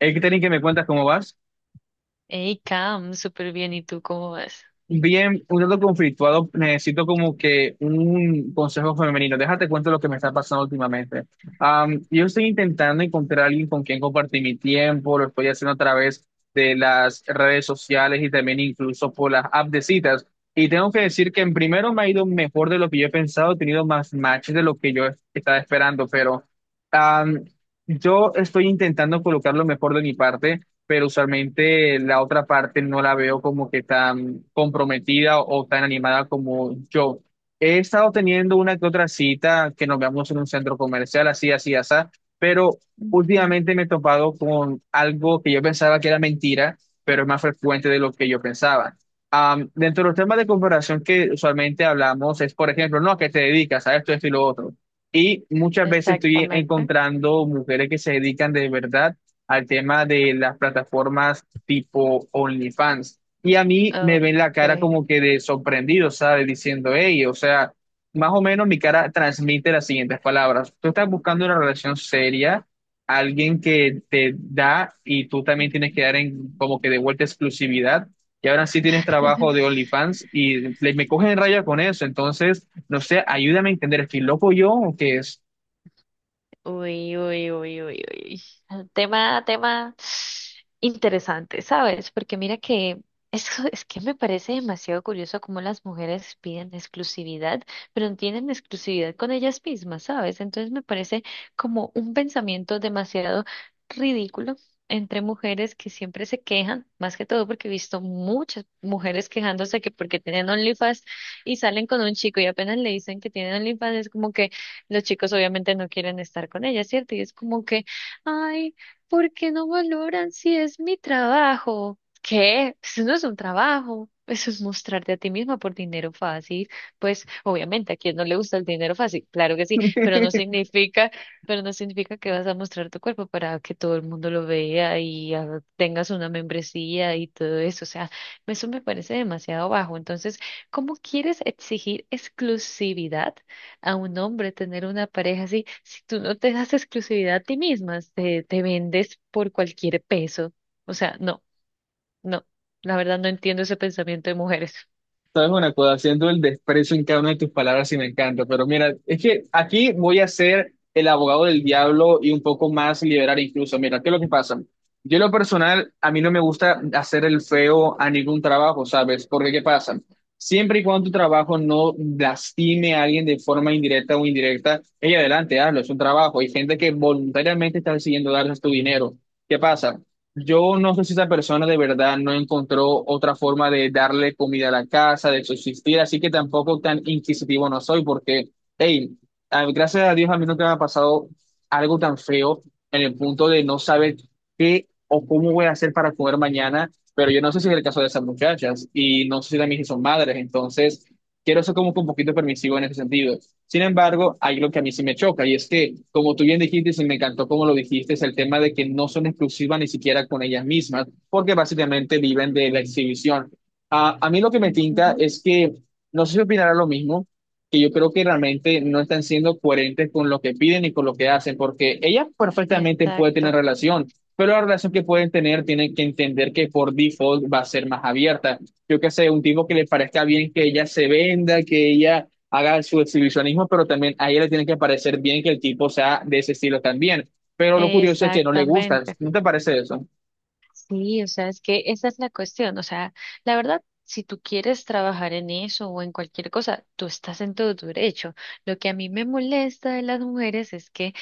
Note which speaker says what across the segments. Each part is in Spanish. Speaker 1: Catherine, que me cuentas cómo vas.
Speaker 2: Hey, Cam, súper bien. ¿Y tú cómo vas?
Speaker 1: Bien, un tanto conflictuado, necesito como que un consejo femenino. Déjate cuento lo que me está pasando últimamente. Yo estoy intentando encontrar a alguien con quien compartir mi tiempo, lo estoy haciendo a través de las redes sociales y también incluso por las apps de citas. Y tengo que decir que en primero me ha ido mejor de lo que yo he pensado, he tenido más matches de lo que yo estaba esperando, pero am, yo estoy intentando colocar lo mejor de mi parte, pero usualmente la otra parte no la veo como que tan comprometida o tan animada como yo. He estado teniendo una que otra cita que nos veamos en un centro comercial, así, así, así, pero últimamente me he topado con algo que yo pensaba que era mentira, pero es más frecuente de lo que yo pensaba. Dentro de los temas de comparación que usualmente hablamos es, por ejemplo, no, ¿a qué te dedicas? A esto, esto y lo otro. Y muchas veces estoy
Speaker 2: Exactamente.
Speaker 1: encontrando mujeres que se dedican de verdad al tema de las plataformas tipo OnlyFans. Y a mí me
Speaker 2: Oh,
Speaker 1: ven la cara
Speaker 2: ok.
Speaker 1: como que de sorprendido, ¿sabes? Diciendo, hey, o sea, más o menos mi cara transmite las siguientes palabras. Tú estás buscando una relación seria, alguien que te da y tú también tienes que dar en como que de vuelta exclusividad. Y ahora sí tienes trabajo de OnlyFans y me cogen en raya con eso. Entonces, no sé, ayúdame a entender, ¿estoy loco yo o qué es?
Speaker 2: Uy, uy, uy, uy, uy. Tema interesante, ¿sabes? Porque mira que es que me parece demasiado curioso cómo las mujeres piden exclusividad, pero no tienen exclusividad con ellas mismas, ¿sabes? Entonces me parece como un pensamiento demasiado ridículo entre mujeres que siempre se quejan, más que todo porque he visto muchas mujeres quejándose que porque tienen OnlyFans y salen con un chico y apenas le dicen que tienen OnlyFans es como que los chicos obviamente no quieren estar con ella, ¿cierto? Y es como que, ay, ¿por qué no valoran si es mi trabajo? ¿Qué? Eso no es un trabajo. Eso es mostrarte a ti misma por dinero fácil. Pues obviamente a quien no le gusta el dinero fácil, claro que sí, pero no significa que vas a mostrar tu cuerpo para que todo el mundo lo vea y ah, tengas una membresía y todo eso. O sea, eso me parece demasiado bajo. Entonces, ¿cómo quieres exigir exclusividad a un hombre, tener una pareja así, si tú no te das exclusividad a ti misma? Te vendes por cualquier peso. O sea, no, no, la verdad no entiendo ese pensamiento de mujeres.
Speaker 1: Sabes una cosa, haciendo el desprecio en cada una de tus palabras y me encanta, pero mira, es que aquí voy a ser el abogado del diablo y un poco más liberal incluso. Mira, ¿qué es lo que pasa? Yo en lo personal, a mí no me gusta hacer el feo a ningún trabajo, ¿sabes? Porque ¿qué pasa? Siempre y cuando tu trabajo no lastime a alguien de forma indirecta o indirecta, ella adelante, hazlo, es un trabajo. Hay gente que voluntariamente está decidiendo darles tu dinero. ¿Qué pasa? Yo no sé si esa persona de verdad no encontró otra forma de darle comida a la casa, de subsistir, así que tampoco tan inquisitivo no soy, porque, hey, gracias a Dios a mí nunca me ha pasado algo tan feo en el punto de no saber qué o cómo voy a hacer para comer mañana, pero yo no sé si es el caso de esas muchachas y no sé si también si son madres, entonces quiero ser como que un poquito permisivo en ese sentido. Sin embargo, hay lo que a mí sí me choca y es que, como tú bien dijiste, y sí me encantó como lo dijiste, es el tema de que no son exclusivas ni siquiera con ellas mismas, porque básicamente viven de la exhibición. Ah, a mí lo que me tinta
Speaker 2: Ujú.
Speaker 1: es que, no sé si opinará lo mismo, que yo creo que realmente no están siendo coherentes con lo que piden y con lo que hacen, porque ellas perfectamente pueden tener
Speaker 2: Exacto,
Speaker 1: relación, pero la relación que pueden tener tienen que entender que por default va a ser más abierta. Yo qué sé, un tipo que le parezca bien que ella se venda, que ella haga su exhibicionismo, pero también a ella le tiene que parecer bien que el tipo sea de ese estilo también. Pero lo curioso es que no le gusta.
Speaker 2: exactamente.
Speaker 1: ¿No te parece eso?
Speaker 2: Sí, o sea, es que esa es la cuestión. O sea, la verdad, si tú quieres trabajar en eso o en cualquier cosa, tú estás en todo tu derecho. Lo que a mí me molesta de las mujeres es que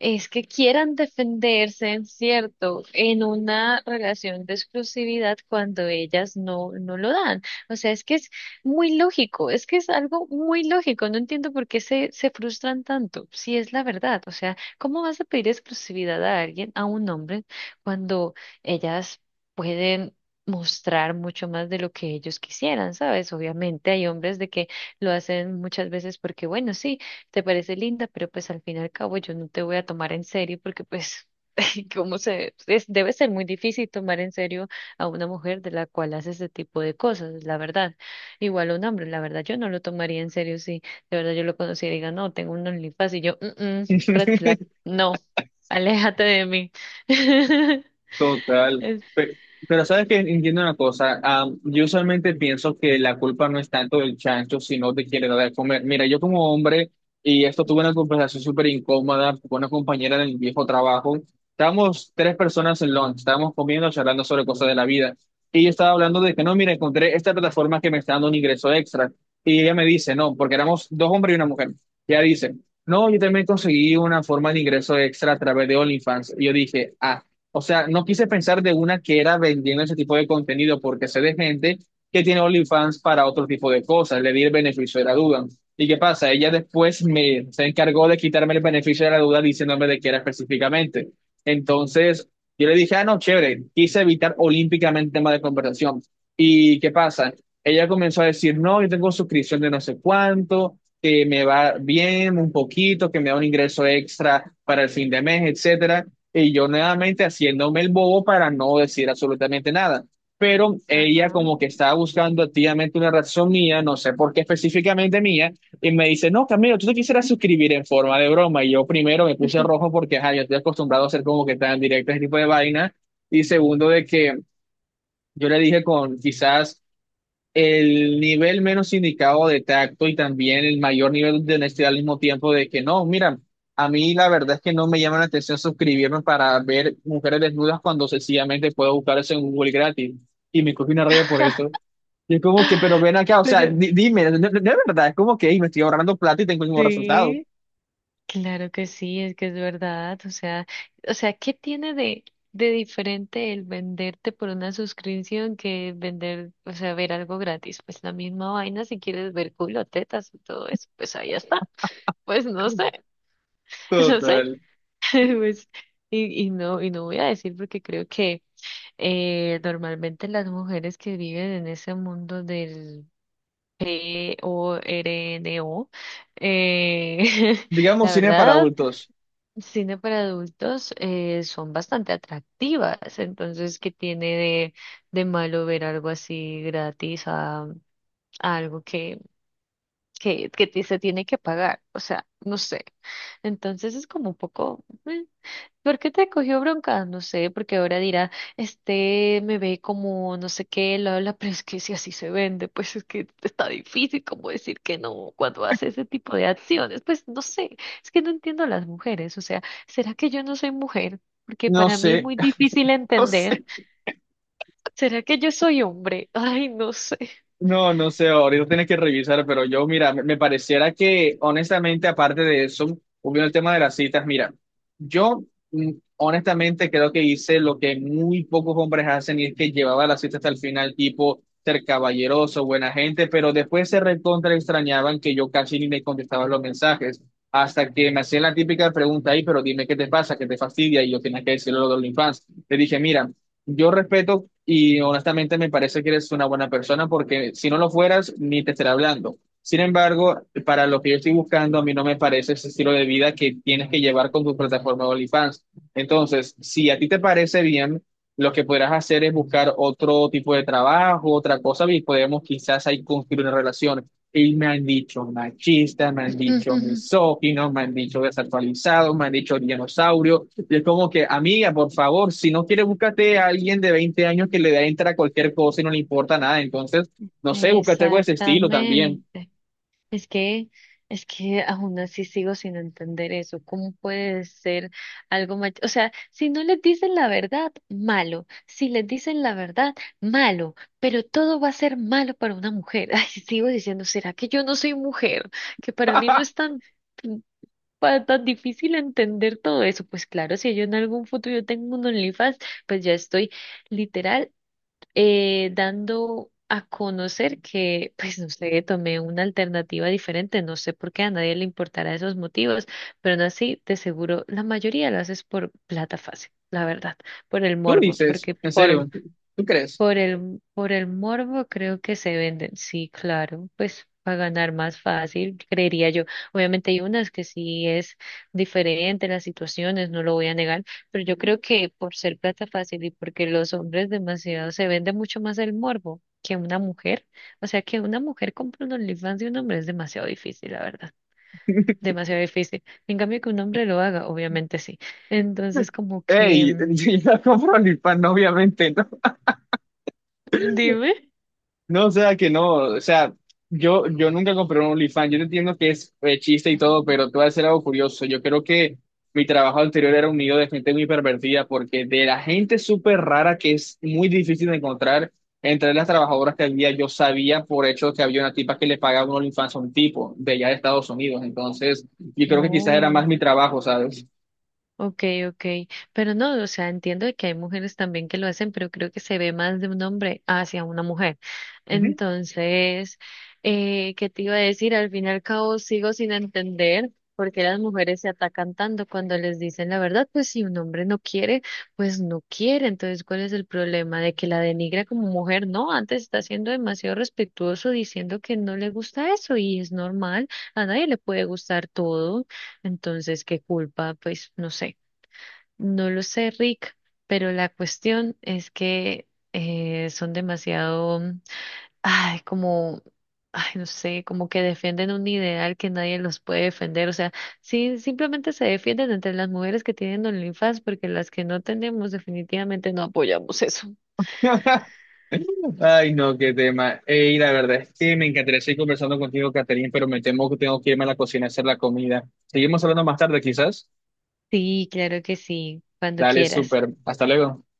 Speaker 2: quieran defenderse, ¿en cierto?, en una relación de exclusividad cuando ellas no, no lo dan. O sea, es que es muy lógico, es que es algo muy lógico. No entiendo por qué se frustran tanto, si es la verdad. O sea, ¿cómo vas a pedir exclusividad a alguien, a un hombre, cuando ellas pueden mostrar mucho más de lo que ellos quisieran, ¿sabes? Obviamente hay hombres de que lo hacen muchas veces porque, bueno, sí, te parece linda, pero pues al fin y al cabo yo no te voy a tomar en serio porque pues cómo debe ser muy difícil tomar en serio a una mujer de la cual hace ese tipo de cosas, la verdad. Igual a un hombre, la verdad yo no lo tomaría en serio si de verdad yo lo conociera y diga, "No, tengo un OnlyFans", y yo, "Mm, mm, red flag, no, aléjate de mí."
Speaker 1: Total.
Speaker 2: Es-
Speaker 1: Pe- Pero, sabes que entiendo una cosa, yo usualmente pienso que la culpa no es tanto del chancho, sino de quien le da de comer. Mira, yo como hombre, y esto tuve una conversación súper incómoda con una compañera del viejo trabajo, estábamos tres personas en lunch, estábamos comiendo, charlando sobre cosas de la vida, y yo estaba hablando de que no, mira, encontré esta plataforma que me está dando un ingreso extra, y ella me dice, no, porque éramos dos hombres y una mujer, y ella dice, no, yo también conseguí una forma de ingreso extra a través de OnlyFans, y yo dije, ah. O sea, no quise pensar de una que era vendiendo ese tipo de contenido, porque sé de gente que tiene OnlyFans para otro tipo de cosas, le di el beneficio de la duda. ¿Y qué pasa? Ella después me se encargó de quitarme el beneficio de la duda diciéndome de qué era específicamente. Entonces, yo le dije, ah, no, chévere, quise evitar olímpicamente el tema de conversación. ¿Y qué pasa? Ella comenzó a decir, no, yo tengo suscripción de no sé cuánto, que me va bien un poquito, que me da un ingreso extra para el fin de mes, etcétera. Y yo nuevamente haciéndome el bobo para no decir absolutamente nada. Pero ella
Speaker 2: Ajá.
Speaker 1: como que estaba buscando activamente una razón mía, no sé por qué específicamente mía, y me dice, no, Camilo, tú te quisieras suscribir en forma de broma. Y yo primero me puse rojo porque, ajá, yo estoy acostumbrado a ser como que tan directo ese tipo de vaina. Y segundo, de que yo le dije con quizás el nivel menos indicado de tacto y también el mayor nivel de honestidad al mismo tiempo de que no, mira, a mí la verdad es que no me llama la atención suscribirme para ver mujeres desnudas cuando sencillamente puedo buscar eso en Google gratis y me coge una raya por eso. Y es como que, pero ven acá, o sea,
Speaker 2: Pero
Speaker 1: dime, de verdad, es como que "Ey, me estoy ahorrando plata y tengo el mismo resultado.
Speaker 2: sí. Claro que sí, es que es verdad. O sea, ¿qué tiene de diferente el venderte por una suscripción que vender, o sea, ver algo gratis? Pues la misma vaina, si quieres ver culo, tetas y todo eso, pues ahí está. Pues no sé, no sé.
Speaker 1: Total.
Speaker 2: Pues, y no voy a decir, porque creo que normalmente las mujeres que viven en ese mundo del PORNO, eh,
Speaker 1: Digamos
Speaker 2: la
Speaker 1: cine para
Speaker 2: verdad,
Speaker 1: adultos.
Speaker 2: cine para adultos, son bastante atractivas. Entonces, ¿qué tiene de malo ver algo así gratis a algo que, que se tiene que pagar? O sea, no sé. Entonces es como un poco, ¿por qué te cogió bronca? No sé, porque ahora dirá, este me ve como no sé qué, lo habla, pero es que si así se vende, pues es que está difícil como decir que no cuando hace ese tipo de acciones. Pues no sé, es que no entiendo a las mujeres. O sea, ¿será que yo no soy mujer? Porque
Speaker 1: No
Speaker 2: para mí es
Speaker 1: sé,
Speaker 2: muy difícil
Speaker 1: no
Speaker 2: entender.
Speaker 1: sé.
Speaker 2: ¿Será que yo soy hombre? Ay, no sé.
Speaker 1: No, no sé, ahorita tienes que revisar, pero yo, mira, me pareciera que, honestamente, aparte de eso, volviendo el tema de las citas, mira, yo, mm, honestamente, creo que hice lo que muy pocos hombres hacen y es que llevaba la cita hasta el final, tipo, ser caballeroso, buena gente, pero después se recontra extrañaban que yo casi ni me contestaba los mensajes, hasta que me hacían la típica pregunta ahí, pero dime qué te pasa, qué te fastidia, y yo tenía que decirlo lo de OnlyFans. Le dije, mira, yo respeto y honestamente me parece que eres una buena persona porque si no lo fueras, ni te estaré hablando. Sin embargo, para lo que yo estoy buscando, a mí no me parece ese estilo de vida que tienes que llevar con tu plataforma de OnlyFans. Entonces, si a ti te parece bien, lo que podrás hacer es buscar otro tipo de trabajo, otra cosa, y podemos quizás ahí construir una relación. Y me han dicho machista, me han dicho misógino, me han dicho desactualizado, me han dicho dinosaurio. Y es como que, amiga, por favor, si no quieres, búscate a alguien de 20 años que le da entra a cualquier cosa y no le importa nada. Entonces, no sé, búscate algo de ese estilo también.
Speaker 2: Exactamente. Es que, es que aún así sigo sin entender eso. ¿Cómo puede ser algo mal? O sea, si no les dicen la verdad, malo. Si les dicen la verdad, malo. Pero todo va a ser malo para una mujer. Ay, sigo diciendo, ¿será que yo no soy mujer? Que para mí no es tan tan difícil entender todo eso. Pues claro, si yo en algún futuro tengo un OnlyFans, pues ya estoy literal, dando a conocer que, pues no sé, tomé una alternativa diferente. No sé por qué a nadie le importará esos motivos, pero no así, de seguro la mayoría lo haces por plata fácil, la verdad, por el
Speaker 1: Tú
Speaker 2: morbo,
Speaker 1: dices,
Speaker 2: porque
Speaker 1: en
Speaker 2: por
Speaker 1: serio, tú crees?
Speaker 2: por el, por el morbo creo que se venden, sí, claro, pues para ganar más fácil, creería yo. Obviamente hay unas que sí, es diferente las situaciones, no lo voy a negar, pero yo creo que por ser plata fácil y porque los hombres, demasiado se vende mucho más el morbo que una mujer, o sea, que una mujer compra un OnlyFans de un hombre es demasiado difícil, la verdad, demasiado difícil. En cambio que un hombre lo haga, obviamente sí. Entonces como que,
Speaker 1: Ey, yo compro OnlyFans, obviamente, ¿no?
Speaker 2: dime.
Speaker 1: No, o sea que no, o sea, yo nunca compré un OnlyFans, yo no entiendo que es chiste y todo, pero te voy a decir algo curioso, yo creo que mi trabajo anterior era un nido de gente muy pervertida, porque de la gente súper rara que es muy difícil de encontrar, entre las trabajadoras que había, yo sabía por hecho que había una tipa que le pagaba un OnlyFans a un tipo de allá de Estados Unidos, entonces yo creo que quizás era más
Speaker 2: No.
Speaker 1: mi trabajo, ¿sabes?
Speaker 2: Ok, ok, pero no, o sea, entiendo de que hay mujeres también que lo hacen, pero creo que se ve más de un hombre hacia una mujer. Entonces, ¿qué te iba a decir? Al fin y al cabo sigo sin entender por qué las mujeres se atacan tanto cuando les dicen la verdad. Pues si un hombre no quiere, pues no quiere. Entonces, ¿cuál es el problema de que la denigra como mujer? No, antes está siendo demasiado respetuoso diciendo que no le gusta eso y es normal, a nadie le puede gustar todo. Entonces, ¿qué culpa? Pues no sé. No lo sé, Rick, pero la cuestión es que son demasiado, ay, como, ay, no sé, como que defienden un ideal que nadie los puede defender. O sea, sí, simplemente se defienden entre las mujeres que tienen OnlyFans, porque las que no tenemos definitivamente no apoyamos eso.
Speaker 1: Ay, no, qué tema. Ey, la verdad es que me encantaría seguir conversando contigo, Catherine, pero me temo que tengo que irme a la cocina a hacer la comida. Seguimos hablando más tarde, quizás.
Speaker 2: Sí, claro que sí, cuando
Speaker 1: Dale,
Speaker 2: quieras.
Speaker 1: súper. Hasta luego.